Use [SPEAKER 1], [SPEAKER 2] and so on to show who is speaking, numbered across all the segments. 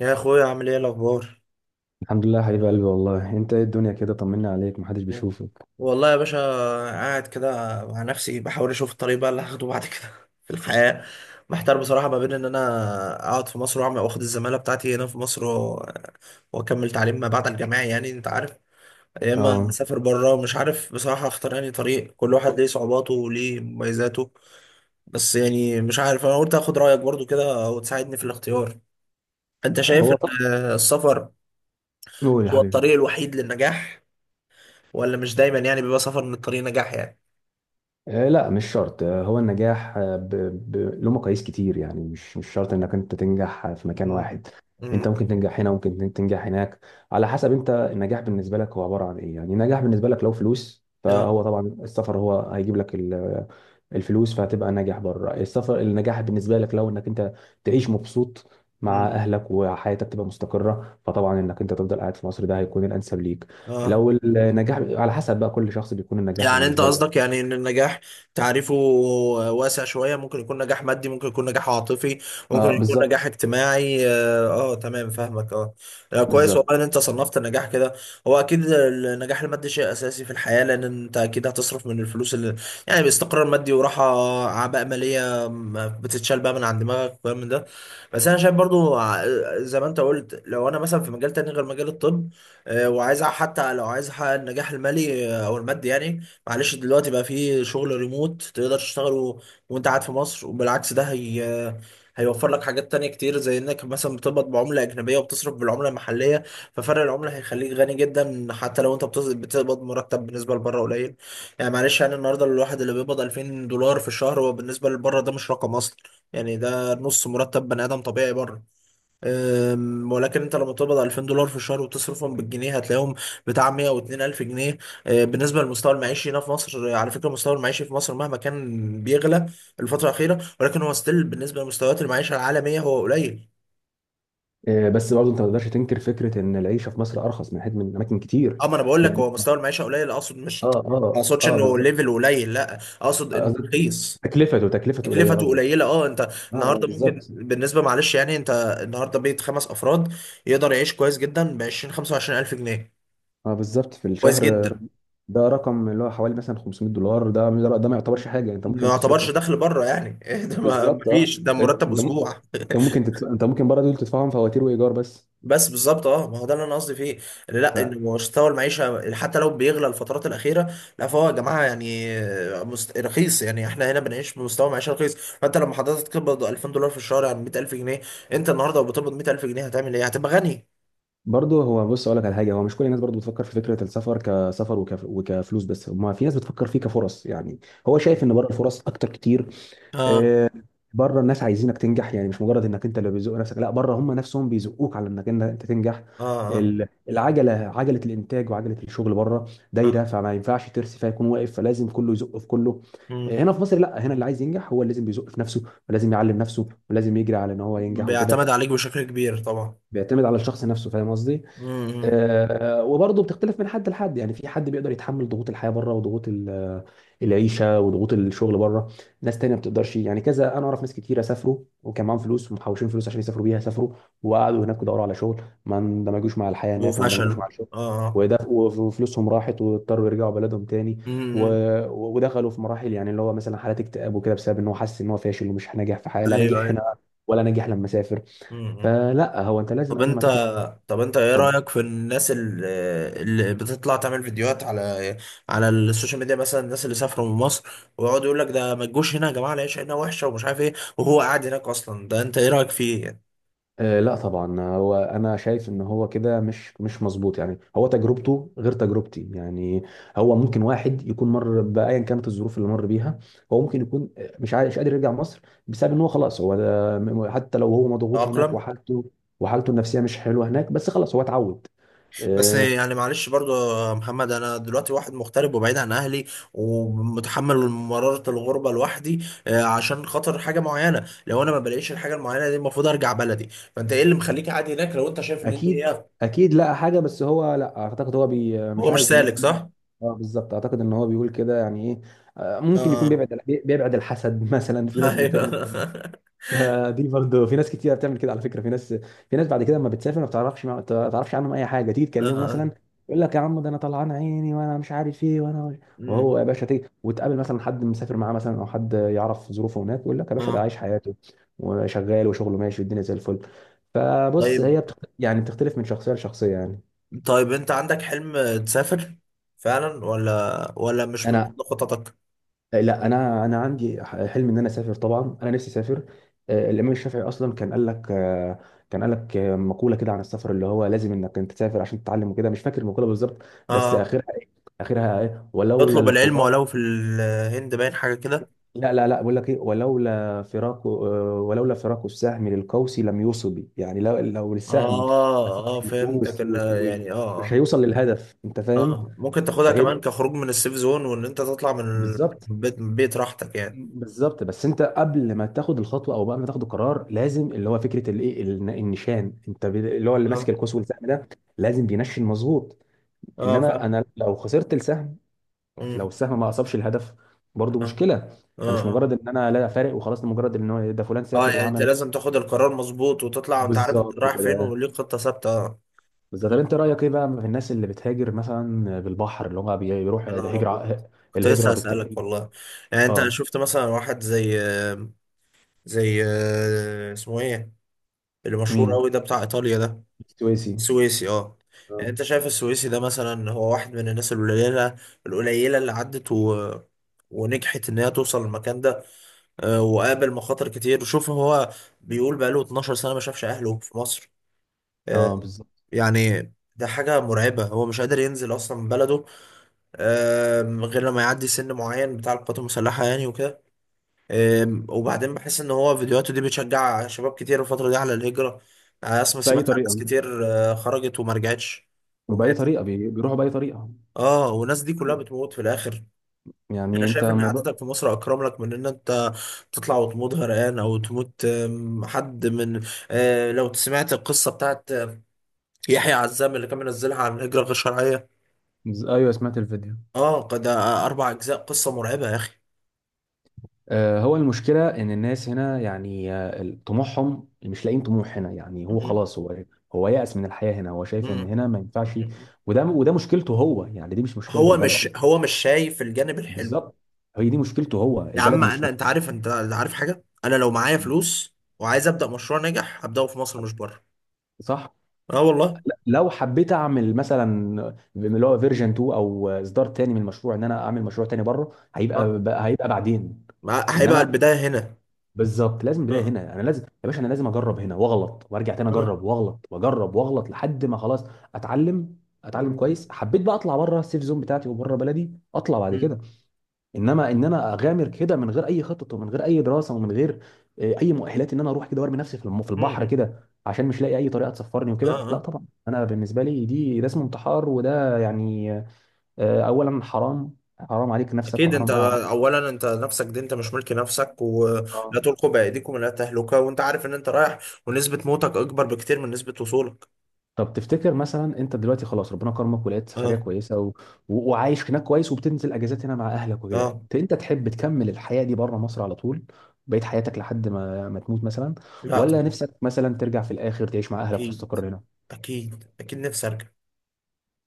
[SPEAKER 1] يا اخويا، عامل ايه الاخبار؟
[SPEAKER 2] الحمد لله يا حبيب قلبي، والله انت ايه الدنيا كده؟ طمنا عليك، محدش بيشوفك.
[SPEAKER 1] والله يا باشا، قاعد كده مع نفسي بحاول اشوف الطريق بقى اللي هاخده بعد كده في الحياه. محتار بصراحه ما بين ان انا اقعد في مصر واعمل واخد الزماله بتاعتي هنا في مصر واكمل تعليم ما بعد الجامعي، يعني انت عارف. يا اما
[SPEAKER 2] اه،
[SPEAKER 1] اسافر بره. مش عارف بصراحه اختار انهي طريق. كل واحد ليه صعوباته وليه مميزاته. بس يعني مش عارف، انا قلت اخد رايك برضو كده وتساعدني في الاختيار. انت شايف
[SPEAKER 2] هو طب
[SPEAKER 1] ان السفر
[SPEAKER 2] قول يا
[SPEAKER 1] هو
[SPEAKER 2] حبيبي.
[SPEAKER 1] الطريق الوحيد للنجاح، ولا مش دايما يعني بيبقى سفر من الطريق نجاح يعني؟
[SPEAKER 2] لا مش شرط. هو النجاح، له مقاييس كتير، يعني مش شرط انك انت تنجح في مكان
[SPEAKER 1] مم.
[SPEAKER 2] واحد. انت
[SPEAKER 1] امم.
[SPEAKER 2] ممكن تنجح هنا، ممكن تنجح هناك، على حسب. انت النجاح بالنسبه لك هو عباره عن ايه؟ يعني النجاح بالنسبه لك لو فلوس،
[SPEAKER 1] اه.
[SPEAKER 2] فهو طبعا السفر هو هيجيب لك الفلوس، فهتبقى ناجح بره. السفر، النجاح بالنسبه لك لو انك انت تعيش مبسوط مع
[SPEAKER 1] امم.
[SPEAKER 2] اهلك وحياتك تبقى مستقره، فطبعا انك انت تفضل قاعد في مصر ده هيكون الانسب ليك.
[SPEAKER 1] اه.
[SPEAKER 2] لو النجاح على حسب بقى كل شخص بيكون النجاح
[SPEAKER 1] يعني انت
[SPEAKER 2] بالنسبه
[SPEAKER 1] قصدك
[SPEAKER 2] له.
[SPEAKER 1] يعني ان النجاح تعريفه واسع شوية، ممكن يكون نجاح مادي، ممكن يكون نجاح عاطفي، ممكن
[SPEAKER 2] اه
[SPEAKER 1] يكون نجاح
[SPEAKER 2] بالظبط.
[SPEAKER 1] اجتماعي. اه، آه، تمام، فاهمك. اه. لا، كويس
[SPEAKER 2] بالظبط.
[SPEAKER 1] والله ان انت صنفت النجاح كده. هو اكيد النجاح المادي شيء اساسي في الحياة، لان انت اكيد هتصرف من الفلوس اللي يعني باستقرار مادي وراحة، اعباء مالية ما بتتشال بقى من عند دماغك وكلام من ده. بس انا شايف برضو، زي ما انت قلت لو انا مثلا في مجال تاني غير مجال الطب، وعايز حتى لو عايز احقق النجاح المالي، او المادي يعني. معلش دلوقتي بقى في شغل ريموت تقدر تشتغله وانت قاعد في مصر. وبالعكس، ده هي هيوفر لك حاجات تانية كتير، زي انك مثلا بتقبض بعملة أجنبية وبتصرف بالعملة المحلية. ففرق العملة هيخليك غني جدا، حتى لو انت بتقبض مرتب بالنسبة لبره قليل. يعني معلش، يعني النهاردة الواحد اللي بيقبض 2000 دولار في الشهر، هو بالنسبة لبره ده مش رقم أصلا. يعني ده نص مرتب بني آدم طبيعي بره. ولكن انت لما تقبض 2000 دولار في الشهر وتصرفهم بالجنيه هتلاقيهم بتاع 102 الف جنيه. بالنسبه للمستوى المعيشي هنا في مصر. على فكره المستوى المعيشي في مصر مهما كان بيغلى الفتره الاخيره، ولكن هو ستيل بالنسبه لمستويات المعيشه العالميه هو قليل.
[SPEAKER 2] بس برضه انت ما تقدرش تنكر فكره ان العيشه في مصر ارخص، من حيث من اماكن كتير.
[SPEAKER 1] اه، ما انا بقول لك
[SPEAKER 2] يعني
[SPEAKER 1] هو
[SPEAKER 2] اه.
[SPEAKER 1] مستوى المعيشه قليل، اقصد مش. ما
[SPEAKER 2] اه
[SPEAKER 1] اقصدش
[SPEAKER 2] اه
[SPEAKER 1] انه
[SPEAKER 2] بالظبط.
[SPEAKER 1] ليفل قليل، لا، اقصد انه
[SPEAKER 2] قصدك
[SPEAKER 1] رخيص.
[SPEAKER 2] تكلفته، تكلفته قليله،
[SPEAKER 1] تكلفته
[SPEAKER 2] قصدك.
[SPEAKER 1] قليله، اه. انت
[SPEAKER 2] اه
[SPEAKER 1] النهارده ممكن
[SPEAKER 2] بالظبط.
[SPEAKER 1] بالنسبه، معلش يعني انت، النهارده بيت خمس افراد يقدر يعيش كويس جدا ب 20 25 الف جنيه.
[SPEAKER 2] اه بالظبط، في
[SPEAKER 1] كويس
[SPEAKER 2] الشهر.
[SPEAKER 1] جدا.
[SPEAKER 2] ده رقم اللي هو حوالي مثلا $500. ده ده ما يعتبرش حاجه، انت
[SPEAKER 1] ما
[SPEAKER 2] ممكن تصرف
[SPEAKER 1] يعتبرش دخل بره يعني. ده ما
[SPEAKER 2] بالظبط. اه
[SPEAKER 1] فيش، ده
[SPEAKER 2] انت،
[SPEAKER 1] مرتب اسبوع.
[SPEAKER 2] انت ممكن تدفع، انت ممكن برضه دول تدفعهم فواتير وايجار بس.
[SPEAKER 1] بس بالظبط، اه، ما هو ده اللي انا قصدي فيه. اللي لا، ان مستوى المعيشه حتى لو بيغلى الفترات الاخيره، لا، فهو يا جماعه يعني رخيص، يعني احنا هنا بنعيش بمستوى معيشه رخيص. فانت لما حضرتك تقبض 2000 دولار في الشهر يعني 100,000 جنيه. انت النهارده لو بتقبض 100,000 جنيه هتعمل ايه؟ هتبقى غني.
[SPEAKER 2] برضه هو بص، اقول لك على حاجه. هو مش كل الناس برضه بتفكر في فكره السفر كسفر وكفلوس بس. ما في ناس بتفكر فيه كفرص يعني. هو شايف ان بره الفرص اكتر كتير.
[SPEAKER 1] اه،
[SPEAKER 2] آه، بره الناس عايزينك تنجح، يعني مش مجرد انك انت اللي بيزق نفسك، لا، بره هم نفسهم بيزقوك على انك إن انت تنجح.
[SPEAKER 1] اه، اه،
[SPEAKER 2] العجله، عجله الانتاج وعجله الشغل بره
[SPEAKER 1] آه.
[SPEAKER 2] دايره، فما ينفعش ترسي فيكون واقف، فلازم كله يزق في كله.
[SPEAKER 1] مم.
[SPEAKER 2] هنا في مصر لا، هنا اللي عايز ينجح هو اللي لازم بيزق في نفسه، ولازم يعلم نفسه، ولازم يجري على ان هو ينجح وكده.
[SPEAKER 1] بيعتمد عليك بشكل كبير طبعا.
[SPEAKER 2] بيعتمد على الشخص نفسه، فاهم قصدي؟
[SPEAKER 1] مم.
[SPEAKER 2] وبرضه بتختلف من حد لحد. يعني في حد بيقدر يتحمل ضغوط الحياه بره، وضغوط العيشه، وضغوط الشغل بره. ناس تانية ما بتقدرش، يعني كذا. انا اعرف ناس كتيره سافروا وكان معاهم فلوس، ومحوشين فلوس عشان يسافروا بيها، سافروا وقعدوا هناك ودوروا على شغل، ما اندمجوش مع الحياه هناك، ما اندمجوش
[SPEAKER 1] وفشله.
[SPEAKER 2] مع الشغل،
[SPEAKER 1] اه، اه.
[SPEAKER 2] وده وفلوسهم راحت، واضطروا يرجعوا بلدهم تاني. و...
[SPEAKER 1] مم.
[SPEAKER 2] ودخلوا في مراحل، يعني اللي هو مثلا حالات اكتئاب وكده، بسبب ان هو حاسس ان هو فاشل ومش ناجح في حاجه، لا
[SPEAKER 1] ايوه،
[SPEAKER 2] ناجح
[SPEAKER 1] ايوه.
[SPEAKER 2] هنا ولا ناجح لما سافر.
[SPEAKER 1] مم.
[SPEAKER 2] فلا، هو انت لازم
[SPEAKER 1] طب
[SPEAKER 2] قبل ما
[SPEAKER 1] انت
[SPEAKER 2] تاخد.
[SPEAKER 1] طب انت ايه رأيك في الناس اللي بتطلع تعمل فيديوهات على السوشيال ميديا، مثلا الناس اللي سافروا من مصر ويقعدوا يقول لك ده ما تجوش هنا يا جماعة، العيشة هنا وحشة ومش عارف ايه، وهو قاعد هناك اصلا. ده انت ايه رأيك فيه يعني؟
[SPEAKER 2] لا طبعا، هو انا شايف ان هو كده مش مظبوط. يعني هو تجربته غير تجربتي، يعني هو ممكن واحد يكون مر بايا كانت الظروف اللي مر بيها. هو ممكن يكون مش قادر يرجع مصر، بسبب ان هو خلاص، هو حتى لو هو مضغوط هناك،
[SPEAKER 1] تأقلم.
[SPEAKER 2] وحالته النفسيه مش حلوه هناك، بس خلاص هو اتعود.
[SPEAKER 1] بس
[SPEAKER 2] آه،
[SPEAKER 1] يعني معلش برضو، يا محمد، انا دلوقتي واحد مغترب وبعيد عن اهلي، ومتحمل مرارة الغربة لوحدي، عشان خاطر حاجة معينة. لو انا ما بلاقيش الحاجة المعينة دي المفروض ارجع بلدي. فانت ايه اللي مخليك قاعد هناك لو انت شايف ان دي
[SPEAKER 2] اكيد
[SPEAKER 1] هي.
[SPEAKER 2] اكيد لقى حاجه، بس هو لا، اعتقد هو بي
[SPEAKER 1] هو
[SPEAKER 2] مش
[SPEAKER 1] مش
[SPEAKER 2] عايز الناس
[SPEAKER 1] سالك
[SPEAKER 2] تيجي.
[SPEAKER 1] صح.
[SPEAKER 2] اه بالظبط، اعتقد ان هو بيقول كده، يعني ايه، ممكن يكون
[SPEAKER 1] اه،
[SPEAKER 2] بيبعد الحسد مثلا، في ناس
[SPEAKER 1] ايوه.
[SPEAKER 2] بتعمل كده.
[SPEAKER 1] اه.
[SPEAKER 2] دي برضه في ناس كتير بتعمل كده على فكره. في ناس بعد كده لما بتسافر ما بتعرفش عنهم اي حاجه، تيجي تكلمه
[SPEAKER 1] اه.
[SPEAKER 2] مثلا يقول لك يا عم ده انا طلعان عيني وانا مش عارف ايه وانا.
[SPEAKER 1] أمم.
[SPEAKER 2] وهو يا باشا تيجي وتقابل مثلا حد مسافر معاه، مثلا، او حد يعرف ظروفه هناك، يقول لك يا باشا ده
[SPEAKER 1] آه.
[SPEAKER 2] عايش حياته وشغال وشغله ماشي والدنيا زي الفل. فبص،
[SPEAKER 1] طيب،
[SPEAKER 2] يعني بتختلف من شخصيه لشخصيه يعني.
[SPEAKER 1] طيب، انت عندك حلم تسافر فعلا ولا مش من
[SPEAKER 2] انا
[SPEAKER 1] ضمن خططك؟
[SPEAKER 2] لا، انا انا عندي حلم ان انا اسافر، طبعا انا نفسي اسافر. الامام الشافعي اصلا كان قال لك، مقوله كده عن السفر، اللي هو لازم انك انت تسافر عشان تتعلم وكده. مش فاكر المقوله بالظبط، بس
[SPEAKER 1] اه.
[SPEAKER 2] اخرها ايه، اخرها ايه، ولولا
[SPEAKER 1] اطلب العلم
[SPEAKER 2] الفراق.
[SPEAKER 1] ولو في الهند، باين حاجة كده.
[SPEAKER 2] لا لا لا، بقول لك ايه، ولولا فراق السهم للقوس لم يصب. يعني لو لو السهم ما
[SPEAKER 1] اه، اه،
[SPEAKER 2] سابش
[SPEAKER 1] فهمتك
[SPEAKER 2] القوس
[SPEAKER 1] ان، يعني
[SPEAKER 2] مش
[SPEAKER 1] اه،
[SPEAKER 2] هيوصل للهدف، انت
[SPEAKER 1] اه،
[SPEAKER 2] فاهم؟
[SPEAKER 1] اه، ممكن تاخدها
[SPEAKER 2] فهي دي،
[SPEAKER 1] كمان كخروج من السيف زون، وان انت تطلع من
[SPEAKER 2] بالظبط.
[SPEAKER 1] البيت، من بيت راحتك يعني.
[SPEAKER 2] بالظبط، بس انت قبل ما تاخد الخطوه او قبل ما تاخد القرار، لازم اللي هو فكره النشان، اللي هو اللي ماسك
[SPEAKER 1] اه،
[SPEAKER 2] القوس والسهم ده لازم بينشن مظبوط.
[SPEAKER 1] اه،
[SPEAKER 2] انما
[SPEAKER 1] فاهم.
[SPEAKER 2] انا لو خسرت السهم، لو
[SPEAKER 1] أمم.
[SPEAKER 2] السهم ما اصابش الهدف، برضو
[SPEAKER 1] اه،
[SPEAKER 2] مشكله. فمش
[SPEAKER 1] اه. آه.
[SPEAKER 2] مجرد ان انا لا، فارق وخلاص، ده مجرد ان هو ده فلان
[SPEAKER 1] اه،
[SPEAKER 2] سافر
[SPEAKER 1] يعني انت
[SPEAKER 2] وعمل.
[SPEAKER 1] لازم تاخد القرار مظبوط وتطلع وانت عارف انت
[SPEAKER 2] بالظبط
[SPEAKER 1] رايح فين
[SPEAKER 2] كده.
[SPEAKER 1] وليك خطة ثابتة، اه.
[SPEAKER 2] بالظبط.
[SPEAKER 1] مم.
[SPEAKER 2] طب انت رايك ايه بقى في الناس اللي بتهاجر مثلا بالبحر، اللي هم
[SPEAKER 1] يا
[SPEAKER 2] بيروحوا، ده
[SPEAKER 1] نهار أبيض.
[SPEAKER 2] هجره،
[SPEAKER 1] كنت لسه
[SPEAKER 2] الهجره
[SPEAKER 1] هسألك
[SPEAKER 2] بالتهريب.
[SPEAKER 1] والله. يعني انت
[SPEAKER 2] اه.
[SPEAKER 1] شفت مثلا واحد زي اسمه ايه، اللي مشهور
[SPEAKER 2] مين؟
[SPEAKER 1] قوي ده بتاع ايطاليا ده.
[SPEAKER 2] السويسي؟
[SPEAKER 1] سويسي، اه.
[SPEAKER 2] اه.
[SPEAKER 1] يعني انت شايف السويسي ده، مثلا هو واحد من الناس القليلة، اللي عدت و ونجحت ان هي توصل للمكان ده، وقابل مخاطر كتير. وشوف هو بيقول بقاله 12 سنة ما شافش اهله في مصر. اه.
[SPEAKER 2] اه بالظبط.
[SPEAKER 1] يعني ده حاجة مرعبة، هو مش قادر ينزل أصلا من بلده، غير لما يعدي سن معين بتاع القوات المسلحة يعني وكده. وبعدين بحس إن هو فيديوهاته دي بتشجع شباب كتير الفترة دي على الهجرة. يعني أنا
[SPEAKER 2] باي
[SPEAKER 1] سمعت عن ناس
[SPEAKER 2] طريقه،
[SPEAKER 1] كتير خرجت وما رجعتش
[SPEAKER 2] وبأي
[SPEAKER 1] وماتت.
[SPEAKER 2] طريقة بيروحوا، بأي طريقة.
[SPEAKER 1] اه، والناس دي كلها
[SPEAKER 2] أيوة.
[SPEAKER 1] بتموت في الآخر.
[SPEAKER 2] يعني
[SPEAKER 1] أنا
[SPEAKER 2] أنت
[SPEAKER 1] شايف إن
[SPEAKER 2] الموضوع.
[SPEAKER 1] قعدتك في مصر أكرم لك من إن أنت تطلع وتموت غرقان أو تموت، حد من، لو سمعت القصة بتاعت يحيى عزام اللي كان منزلها عن الهجرة الغير شرعية.
[SPEAKER 2] أيوه سمعت الفيديو.
[SPEAKER 1] اه، ده اربع اجزاء، قصه مرعبه يا اخي.
[SPEAKER 2] آه، هو المشكلة إن الناس هنا يعني، طموحهم مش لاقيين طموح هنا. يعني هو
[SPEAKER 1] مم.
[SPEAKER 2] خلاص، هو يأس من الحياة هنا، هو شايف إن
[SPEAKER 1] مم.
[SPEAKER 2] هنا ما ينفعش. وده مشكلته هو يعني، دي مش مشكلة
[SPEAKER 1] هو
[SPEAKER 2] البلد
[SPEAKER 1] مش
[SPEAKER 2] دي.
[SPEAKER 1] هو مش شايف الجانب الحلو.
[SPEAKER 2] بالظبط. هي دي مشكلته هو،
[SPEAKER 1] يا
[SPEAKER 2] البلد
[SPEAKER 1] عم،
[SPEAKER 2] مش مس...
[SPEAKER 1] انت عارف حاجه، انا لو معايا فلوس وعايز ابدا مشروع ناجح هبداه في مصر مش بره.
[SPEAKER 2] صح.
[SPEAKER 1] اه والله.
[SPEAKER 2] لا، لو حبيت اعمل مثلا اللي هو فيرجن 2، او اصدار تاني من المشروع، ان انا اعمل مشروع تاني بره، هيبقى،
[SPEAKER 1] اه،
[SPEAKER 2] هيبقى بعدين.
[SPEAKER 1] هيبقى
[SPEAKER 2] انما
[SPEAKER 1] البدايه هنا.
[SPEAKER 2] بالظبط لازم بدايه
[SPEAKER 1] اه،
[SPEAKER 2] هنا. انا لازم يا باشا، انا لازم اجرب هنا واغلط وارجع تاني،
[SPEAKER 1] اه.
[SPEAKER 2] اجرب واغلط، واجرب واغلط، لحد ما خلاص اتعلم، اتعلم
[SPEAKER 1] مم.
[SPEAKER 2] كويس، حبيت بقى اطلع بره السيف زون بتاعتي وبره بلدي، اطلع بعد
[SPEAKER 1] مم.
[SPEAKER 2] كده. انما ان انا اغامر كده من غير اي خطط، ومن غير اي دراسه، ومن غير اي مؤهلات، ان انا اروح كده وارمي نفسي في في البحر
[SPEAKER 1] مم.
[SPEAKER 2] كده عشان مش لاقي اي طريقه تسفرني
[SPEAKER 1] اه،
[SPEAKER 2] وكده، لا
[SPEAKER 1] اه.
[SPEAKER 2] طبعا، انا بالنسبه لي دي ده اسمه انتحار، وده يعني اولا، حرام عليك نفسك،
[SPEAKER 1] اكيد، انت
[SPEAKER 2] وحرام
[SPEAKER 1] اولا انت نفسك دي، انت مش ملك نفسك،
[SPEAKER 2] عليك.
[SPEAKER 1] ولا تلقوا بايديكم الى التهلكه، وانت عارف ان انت رايح، ونسبه موتك اكبر بكتير من نسبه وصولك.
[SPEAKER 2] طب تفتكر مثلا انت دلوقتي خلاص ربنا كرمك ولقيت سفريه
[SPEAKER 1] اه،
[SPEAKER 2] كويسه، وعايش هناك كويس، وبتنزل اجازات هنا مع اهلك وكده،
[SPEAKER 1] اه.
[SPEAKER 2] انت تحب تكمل الحياه دي بره مصر على طول، بقيت حياتك، لحد ما ما تموت مثلا،
[SPEAKER 1] لا،
[SPEAKER 2] ولا
[SPEAKER 1] طبعا.
[SPEAKER 2] نفسك مثلا ترجع في الاخر تعيش مع اهلك
[SPEAKER 1] اكيد.
[SPEAKER 2] وتستقر هنا؟
[SPEAKER 1] اكيد، اكيد نفسي ارجع.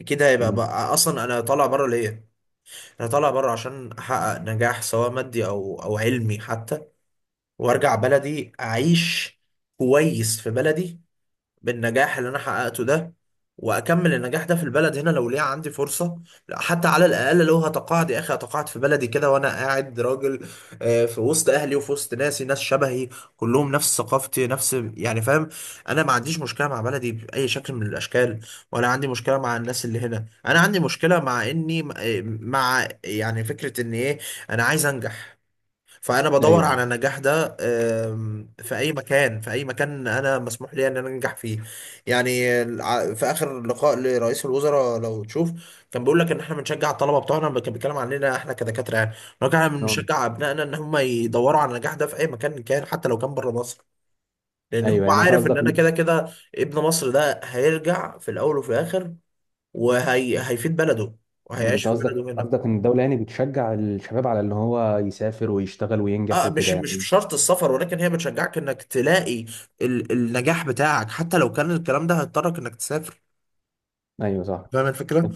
[SPEAKER 1] اكيد هيبقى
[SPEAKER 2] امم.
[SPEAKER 1] بقى، اصلا انا طالع بره ليه؟ انا طالع بره عشان احقق نجاح سواء مادي او علمي حتى، وارجع بلدي اعيش كويس في بلدي، بالنجاح اللي انا حققته ده، واكمل النجاح ده في البلد هنا لو ليا عندي فرصه. لا، حتى على الاقل لو هتقاعد يا اخي هتقاعد في بلدي كده، وانا قاعد راجل، في وسط اهلي وفي وسط ناسي، ناس شبهي، كلهم نفس ثقافتي، نفس يعني، فاهم. انا ما عنديش مشكله مع بلدي باي شكل من الاشكال، ولا عندي مشكله مع الناس اللي هنا. انا عندي مشكله مع اني، مع يعني فكره ان ايه، انا عايز انجح. فانا بدور
[SPEAKER 2] ايوه.
[SPEAKER 1] على النجاح ده، في اي مكان، في اي مكان انا مسموح لي ان انا انجح فيه. يعني في اخر لقاء لرئيس الوزراء لو تشوف، كان بيقول لك ان احنا بنشجع الطلبه بتوعنا، كان بيتكلم عننا احنا كدكاتره، يعني إن هو كان
[SPEAKER 2] آه.
[SPEAKER 1] بنشجع ابنائنا ان هم يدوروا على النجاح ده في اي مكان كان، حتى لو كان بره مصر. لان هو
[SPEAKER 2] ايوه، يعني انت
[SPEAKER 1] عارف ان
[SPEAKER 2] قصدك.
[SPEAKER 1] انا كده كده ابن مصر، ده هيرجع في الاول وفي الاخر، وهي هيفيد بلده
[SPEAKER 2] مم.
[SPEAKER 1] وهيعيش
[SPEAKER 2] انت
[SPEAKER 1] في
[SPEAKER 2] قصدك،
[SPEAKER 1] بلده هنا.
[SPEAKER 2] قصدك ان الدوله يعني بتشجع الشباب على ان هو يسافر ويشتغل وينجح
[SPEAKER 1] اه، مش
[SPEAKER 2] وكده
[SPEAKER 1] مش
[SPEAKER 2] يعني.
[SPEAKER 1] بشرط السفر، ولكن هي بتشجعك انك تلاقي النجاح بتاعك، حتى لو كان الكلام ده هيضطرك انك تسافر.
[SPEAKER 2] ايوه صح.
[SPEAKER 1] فاهم الفكرة؟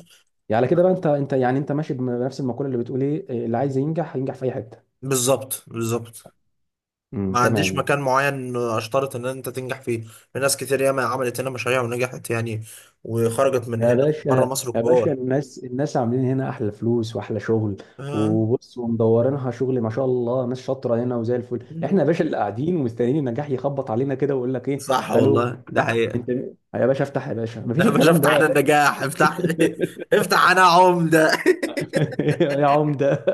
[SPEAKER 2] يعني على كده بقى، انت، انت ماشي بنفس المقوله اللي بتقول ايه، اللي عايز ينجح هينجح في اي حته.
[SPEAKER 1] بالظبط، بالظبط. ما عنديش
[SPEAKER 2] تمام.
[SPEAKER 1] مكان معين اشترط ان انت تنجح فيه. في ناس كتير ياما عملت هنا مشاريع ونجحت يعني، وخرجت من
[SPEAKER 2] يا
[SPEAKER 1] هنا بره
[SPEAKER 2] باشا،
[SPEAKER 1] مصر
[SPEAKER 2] يا باشا
[SPEAKER 1] كبار.
[SPEAKER 2] الناس، الناس عاملين هنا احلى فلوس واحلى شغل،
[SPEAKER 1] آه.
[SPEAKER 2] وبص ومدورينها شغل ما شاء الله، ناس شاطره هنا وزي الفل. احنا يا باشا اللي قاعدين ومستنيين النجاح يخبط علينا كده ويقول لك ايه،
[SPEAKER 1] صح
[SPEAKER 2] الو،
[SPEAKER 1] والله، ده
[SPEAKER 2] لا انت
[SPEAKER 1] حقيقة.
[SPEAKER 2] مين؟ يا باشا افتح، يا باشا مفيش
[SPEAKER 1] يا باشا
[SPEAKER 2] الكلام
[SPEAKER 1] افتح
[SPEAKER 2] ده.
[SPEAKER 1] لنا النجاح، افتح لي، افتح، انا عمدة.
[SPEAKER 2] يا عمده.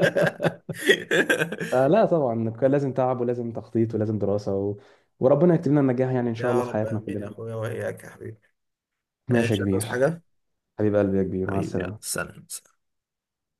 [SPEAKER 2] فلا طبعا، كان لازم تعب، ولازم تخطيط، ولازم دراسه، وربنا يكتب لنا النجاح، يعني ان شاء الله
[SPEAKER 1] يا
[SPEAKER 2] في
[SPEAKER 1] رب
[SPEAKER 2] حياتنا
[SPEAKER 1] امين يا
[SPEAKER 2] كلنا.
[SPEAKER 1] اخويا، واياك يا حبيبي.
[SPEAKER 2] ماشي يا
[SPEAKER 1] ايش
[SPEAKER 2] كبير.
[SPEAKER 1] هتعوز حاجة؟
[SPEAKER 2] حبيب قلبي يا كبير، مع
[SPEAKER 1] حبيبي، يلا
[SPEAKER 2] السلامه.
[SPEAKER 1] سلام.